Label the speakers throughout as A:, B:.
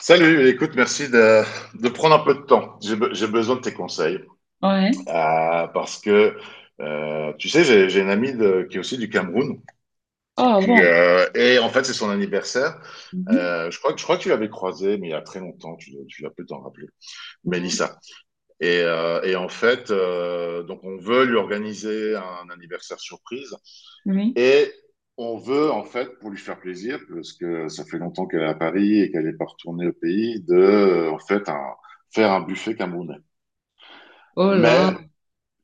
A: Salut, écoute, merci de prendre un peu de temps. J'ai besoin de tes conseils
B: Ouais.
A: parce que, tu sais, j'ai une amie qui est aussi du Cameroun
B: Ah bon.
A: et en fait, c'est son anniversaire.
B: Mhm.
A: Je crois que tu l'avais croisée, mais il y a très longtemps, tu l'as peut t'en rappeler,
B: Mhm.
A: Mélissa. Et en fait, donc on veut lui organiser un anniversaire surprise
B: Oui.
A: et on veut, en fait, pour lui faire plaisir, parce que ça fait longtemps qu'elle est à Paris et qu'elle n'est pas retournée au pays, en fait, faire un buffet camerounais.
B: Oh là.
A: Mais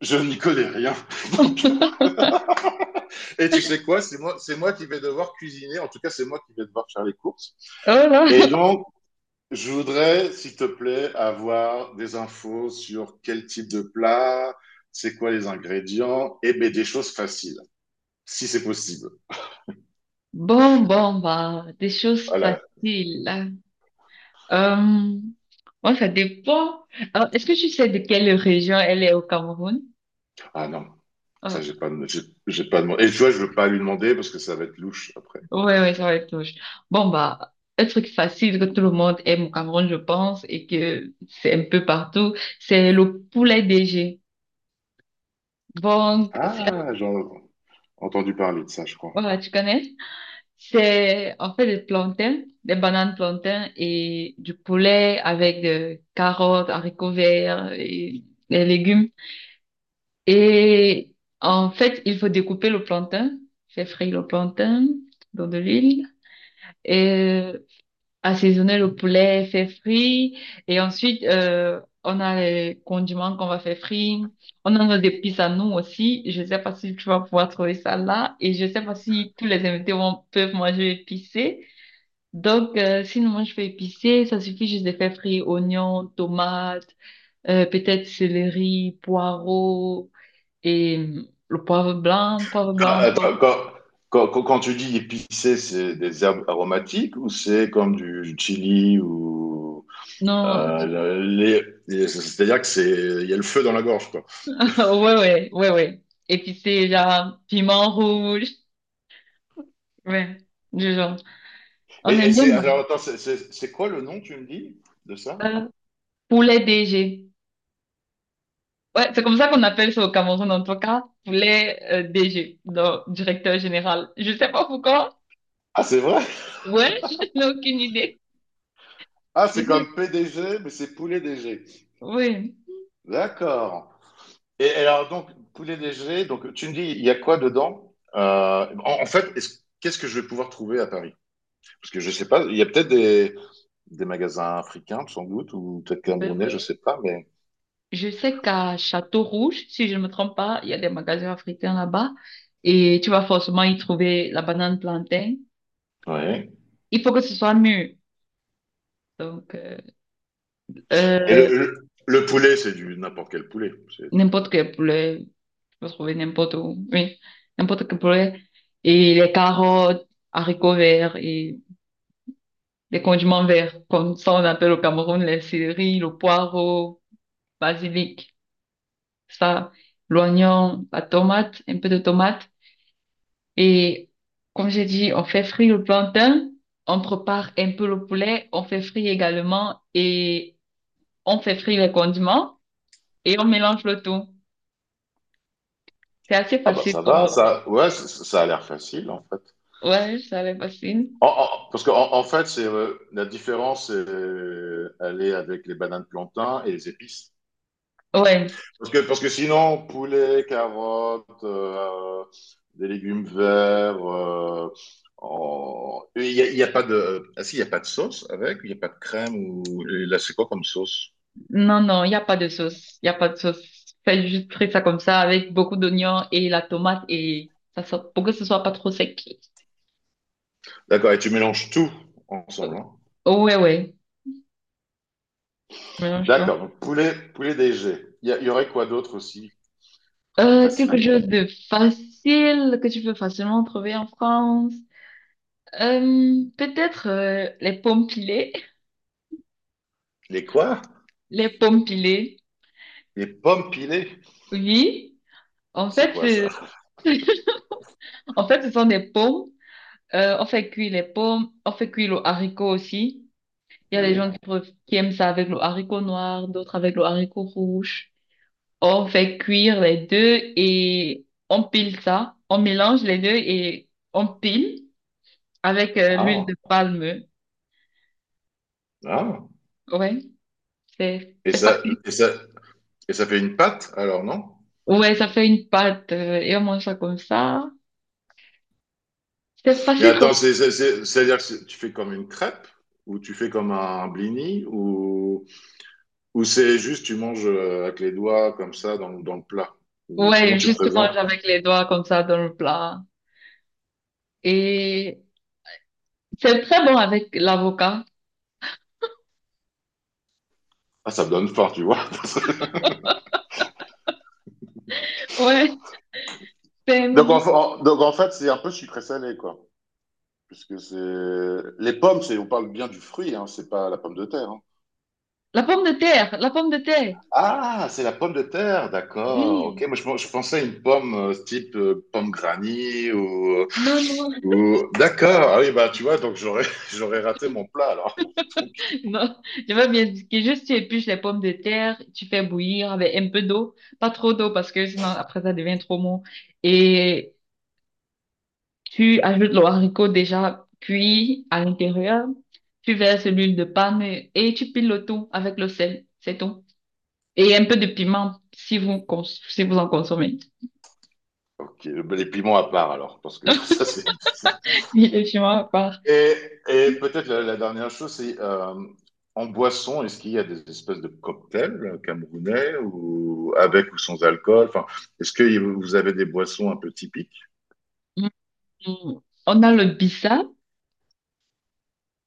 A: je n'y connais rien. Donc, Et tu sais quoi? C'est moi qui vais devoir cuisiner. En tout cas, c'est moi qui vais devoir faire les courses.
B: Oh là.
A: Et donc, je voudrais, s'il te plaît, avoir des infos sur quel type de plat, c'est quoi les ingrédients, et ben, des choses faciles, si c'est possible.
B: Bon, bon, bah, des choses
A: Voilà.
B: faciles. Euh, Moi, ça dépend. Alors, est-ce que tu sais de quelle région elle est au Cameroun?
A: Ah non,
B: Oh,
A: ça, j'ai pas demandé. Et tu vois, je veux pas lui demander parce que ça va être louche après.
B: ouais, ouais, ça va être louche. Bon, bah, un truc facile que tout le monde aime au Cameroun, je pense, et que c'est un peu partout, c'est le poulet DG. Donc, c'est...
A: Ah, j'ai entendu parler de ça, je crois.
B: Voilà, tu connais? C'est en fait des plantains, des bananes plantains et du poulet avec des carottes, haricots verts et des légumes. Et en fait, il faut découper le plantain, faire frire le plantain dans de l'huile et euh, assaisonner le poulet, faire frire. Et ensuite, on a les condiments qu'on va faire frire. On a des épices à nous aussi. Je sais pas si tu vas pouvoir trouver ça là. Et je sais pas si tous les invités vont, peuvent manger épicé. Donc, sinon, moi, je fais épicé. Ça suffit juste de faire frire oignons, tomates, peut-être céleri, poireaux et le poivre blanc, poivre
A: Ah,
B: blanc, poivre...
A: attends, quand tu dis épicé, c'est des herbes aromatiques ou c'est comme du chili ou
B: Non, du-
A: c'est-à-dire que c'est il y a le feu dans la gorge quoi.
B: ouais, ouais, ouais, ouais. Épicé, genre, piment rouge. Ouais, du genre.
A: Et,
B: On
A: et
B: aime bien
A: c'est
B: manger
A: alors attends, c'est quoi le nom tu me dis de ça?
B: ça. Poulet DG. Ouais, c'est comme ça qu'on appelle ça au Cameroun, en tout cas. Poulet DG, donc directeur général. Je sais pas pourquoi.
A: Ah, c'est vrai?
B: Ouais, je n'ai aucune idée.
A: Ah, c'est
B: Je-
A: comme PDG, mais c'est poulet DG.
B: Oui.
A: D'accord. Et alors, donc, poulet léger, donc tu me dis, il y a quoi dedans? En fait, qu'est-ce que je vais pouvoir trouver à Paris? Parce que je sais pas, il y a peut-être des magasins africains, sans doute, ou peut-être
B: Ouais,
A: camerounais, je
B: ouais.
A: sais pas, mais.
B: Je sais qu'à Château Rouge, si je ne me trompe pas, il y a des magasins africains là-bas et tu vas forcément y trouver la banane plantain.
A: Ouais.
B: Il faut que ce soit mûr. Donc,
A: Et le,
B: euh,
A: le, le poulet, c'est du n'importe quel poulet. C'est-
B: n'importe quel poulet, tu peux trouver n'importe où. Oui, n'importe quel poulet. Et les carottes, haricots verts et les condiments verts, comme ça on appelle au Cameroun les céleri, le poireau, basilic, ça, l'oignon, la tomate, un peu de tomate. Et comme j'ai dit, on fait frire le plantain, on prépare un peu le poulet, on fait frire également et on fait frire les condiments et on mélange le tout. C'est assez
A: Ah bah
B: facile
A: ça
B: comme
A: va,
B: repas.
A: ça, ouais, ça a l'air facile en fait.
B: Ouais, ça va être facile.
A: Parce qu'en en fait, c'est la différence, c'est, elle est avec les bananes plantains et les épices.
B: Ouais,
A: Parce que sinon, poulet, carottes, des légumes verts, il y a pas de... Ah si, il n'y a pas de sauce avec, il n'y a pas de crème ou... Et là, c'est quoi comme sauce?
B: non, non, il n'y a pas de sauce. Il n'y a pas de sauce. Faites juste frire ça comme ça avec beaucoup d'oignons et la tomate et ça sort- pour que ce soit pas trop sec.
A: D'accord, et tu mélanges tout ensemble, hein.
B: Ouais, ouais, mélange-toi.
A: D'accord, donc poulet, poulet DG. Il y aurait quoi d'autre aussi?
B: Quelque
A: Facile.
B: chose de facile que tu peux facilement trouver en France. Peut-être les pommes pilées.
A: Les quoi?
B: Les pommes pilées,
A: Les pommes pilées.
B: oui. En
A: C'est
B: fait,
A: quoi
B: c'est-
A: ça?
B: en fait, ce sont des pommes. On fait cuire les pommes, on fait cuire le haricot aussi. Il y a des gens
A: Oui.
B: qui, préf- qui aiment ça avec le haricot noir, d'autres avec le haricot rouge. On fait cuire les deux et on pile ça. On mélange les deux et on pile avec l'huile
A: Ah,
B: de palme.
A: ah.
B: Ouais, c'est
A: Et
B: c'est
A: ça,
B: facile.
A: et ça, et ça fait une pâte, alors, non?
B: Ouais, ça fait une pâte et on mange ça comme ça. C'est
A: Mais
B: facile comme...
A: attends, c'est-à-dire que tu fais comme une crêpe ou tu fais comme un blini ou c'est juste tu manges avec les doigts comme ça dans le plat ou comment
B: Ouais,
A: tu
B: justement,
A: présentes?
B: avec les doigts comme ça dans le plat. Et c'est très bon avec l'avocat.
A: Ah, ça me donne faim, tu vois.
B: Ouais, c'est
A: Donc en, en- donc en fait, c'est un peu sucré salé quoi, puisque c'est les pommes, c'est on parle bien du fruit, hein, c'est pas la pomme de terre, hein.
B: la pomme de terre, la pomme de terre.
A: Ah, c'est la pomme de terre, d'accord. Ok,
B: Oui.
A: moi je pensais à une pomme type pomme granny
B: Non, non,
A: D'accord. Ah oui, bah tu vois, donc j'aurais j'aurais raté mon plat alors. Donc,
B: non. Je veux bien dire que juste tu épluches les pommes de terre, tu fais bouillir avec un peu d'eau, pas trop d'eau parce que sinon après ça devient trop mou. Et tu ajoutes le haricot déjà cuit à l'intérieur, tu verses l'huile de palme et tu piles le tout avec le sel. C'est tout. Et un peu de piment, si vous, cons- si vous en consommez.
A: ok, bah, les piments à part alors, parce que ça c'est.
B: Et le piment à part.
A: Et, et peut-être la dernière chose, c'est en boisson, est-ce qu'il y a des espèces de cocktails camerounais ou avec ou sans alcool? Enfin, est-ce que vous avez des boissons un peu typiques?
B: Mm. On a le bissap.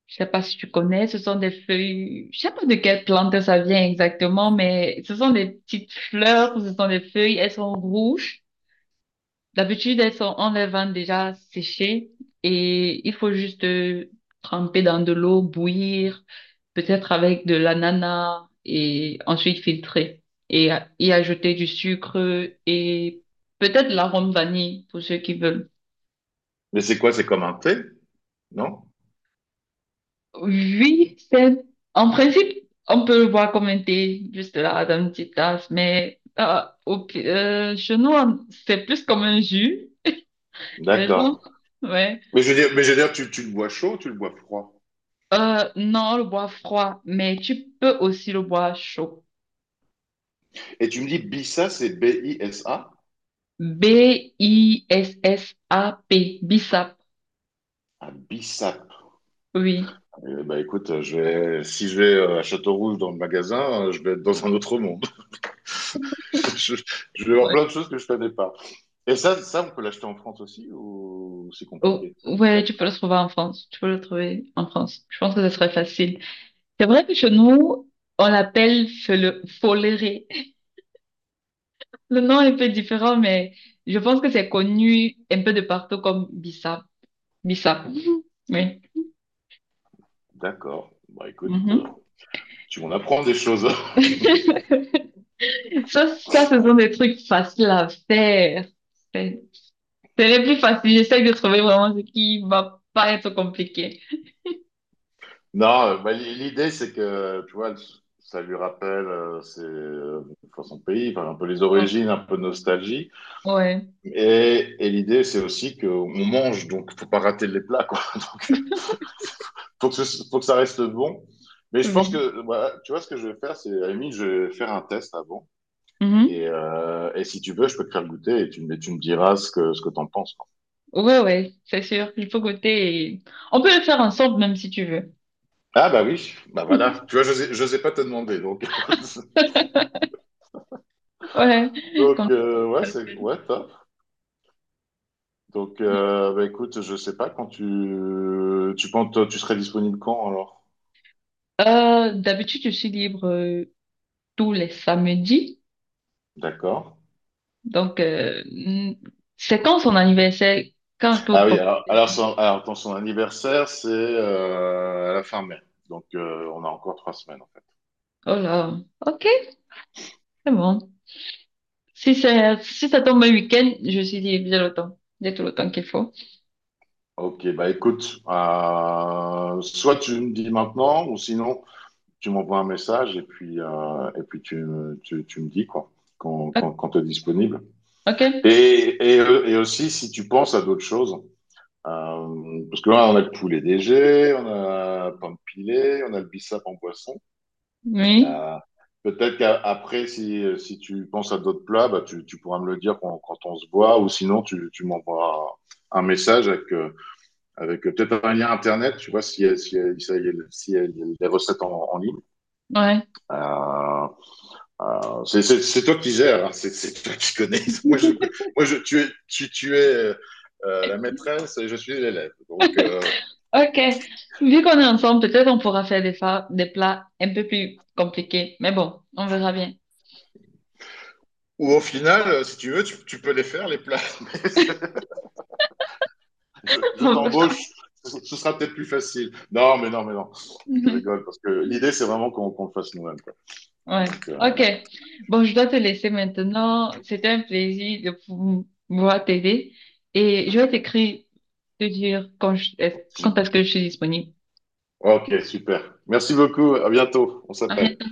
B: Je sais pas si tu connais, ce sont des feuilles, je sais pas de quelle plante ça vient exactement, mais ce sont des petites fleurs, ce sont des feuilles, elles sont rouges. D'habitude, elles sont, on les vend déjà séchées et il faut juste tremper dans de l'eau, bouillir, peut-être avec de l'ananas et ensuite filtrer et y ajouter du sucre et peut-être de l'arôme vanille pour ceux qui veulent.
A: Mais c'est quoi? C'est comme un thé? Non?
B: Oui, c'est, en principe, on peut le boire comme un thé, juste là, dans une petite tasse, mais chez nous, on- c'est plus comme un jus. Les gens,
A: D'accord.
B: ouais.
A: Mais je veux dire, tu le bois chaud, tu le bois froid.
B: Non, le bois froid, mais tu peux aussi le bois chaud.
A: Et tu me dis Bissa, c'est BISA?
B: B-I-S-S-A-P, Bissap,
A: Ah, Bissap.
B: oui.
A: Eh ben, écoute, si je vais à Châteaurouge dans le magasin, je vais être dans un autre monde. Je, je vais voir
B: Ouais.
A: plein de choses que je connais pas. Et ça on peut l'acheter en France aussi ou c'est
B: Oh,
A: compliqué, le
B: ouais,
A: Bissap?
B: tu peux le trouver en France. Tu peux le trouver en France. Je pense que ce serait facile. C'est vrai que chez nous, on l'appelle fele- foléré. Le nom est un peu différent, mais je pense que c'est connu un peu de partout comme Bissap. Bissap, Mhm. oui.
A: D'accord. Bah, écoute,
B: Mhm.
A: tu m'en apprends des choses.
B: Ça, ce sont des trucs faciles à faire. C'est- C'est les plus faciles. J'essaie de trouver vraiment ce qui va pas être compliqué.
A: Non, bah, l'idée, c'est que, tu vois, ça lui rappelle enfin, son pays, enfin, un peu les
B: Donc,
A: origines, un peu de nostalgie.
B: ouais.
A: Et l'idée, c'est aussi qu'on mange, donc il ne faut pas rater les plats, quoi. Donc, faut que ça reste bon. Mais je pense
B: Oui.
A: que, voilà, tu vois, ce que je vais faire, c'est, à la limite, je vais faire un test avant. Et,
B: Mhm.
A: euh, et si tu veux, je peux te faire goûter et tu me diras ce que t'en penses, quoi.
B: Ouais, ouais, c'est sûr. Il faut goûter et... On peut le faire ensemble même si tu veux.
A: Ah, bah oui, bah voilà. Tu vois, je sais pas te demander, donc.
B: Ouais,
A: Donc,
B: comme
A: ouais,
B: ça, c'est
A: c'est,
B: facile.
A: ouais, top. Donc, bah écoute, je sais pas quand tu penses, toi, tu serais disponible quand, alors?
B: D'habitude, je suis libre tous les samedis.
A: D'accord.
B: Donc, c'est quand son anniversaire? Quand est-ce que vous
A: Ah oui, alors,
B: proposez?
A: alors, son, alors, attends, son anniversaire, c'est à la fin mai. Donc, on a encore 3 semaines, en fait.
B: Oh là, ok, c'est bon. Si c'est, si ça tombe un week-end, je suis libre, j'ai le temps. J'ai tout le temps qu'il faut.
A: Ok, bah écoute, soit tu me dis maintenant, ou sinon, tu m'envoies un message et puis tu me dis, quoi, quand tu es disponible.
B: Ok?
A: Et aussi, si tu penses à d'autres choses, parce que là, on a le poulet DG, on a Pampilé, on a le bissap en boisson.
B: Oui,
A: Euh, Peut-être qu'après, si tu penses à d'autres plats, bah, tu pourras me le dire quand on se voit, ou sinon tu m'envoies un message avec peut-être un lien internet, tu vois, si, les recettes en ligne.
B: ouais.
A: Euh, c'est toi qui gères, hein, c'est toi qui connais. Moi, je, moi je, tu es la maîtresse et je suis l'élève. Donc,
B: Ok. Vu qu'on est ensemble, peut-être on pourra faire des, fa- des plats un peu plus compliqués. Mais bon, on verra bien.
A: ou au final, si tu veux, tu peux les faire, les plats. Je
B: On verra.
A: t'embauche, ce sera peut-être plus facile. Non, mais non, mais non, je
B: Ouais.
A: rigole parce que l'idée, c'est vraiment qu'on le fasse nous-mêmes, quoi.
B: Ouais.
A: Donc,
B: Ok. Bon, je dois te laisser maintenant. C'était un plaisir de pou- pouvoir t'aider. Et je vais t'écrire, te dire quand
A: j'ai-
B: quand est-ce que je suis disponible.
A: ok, super. Merci beaucoup, à bientôt, on
B: À
A: s'appelle.
B: bientôt.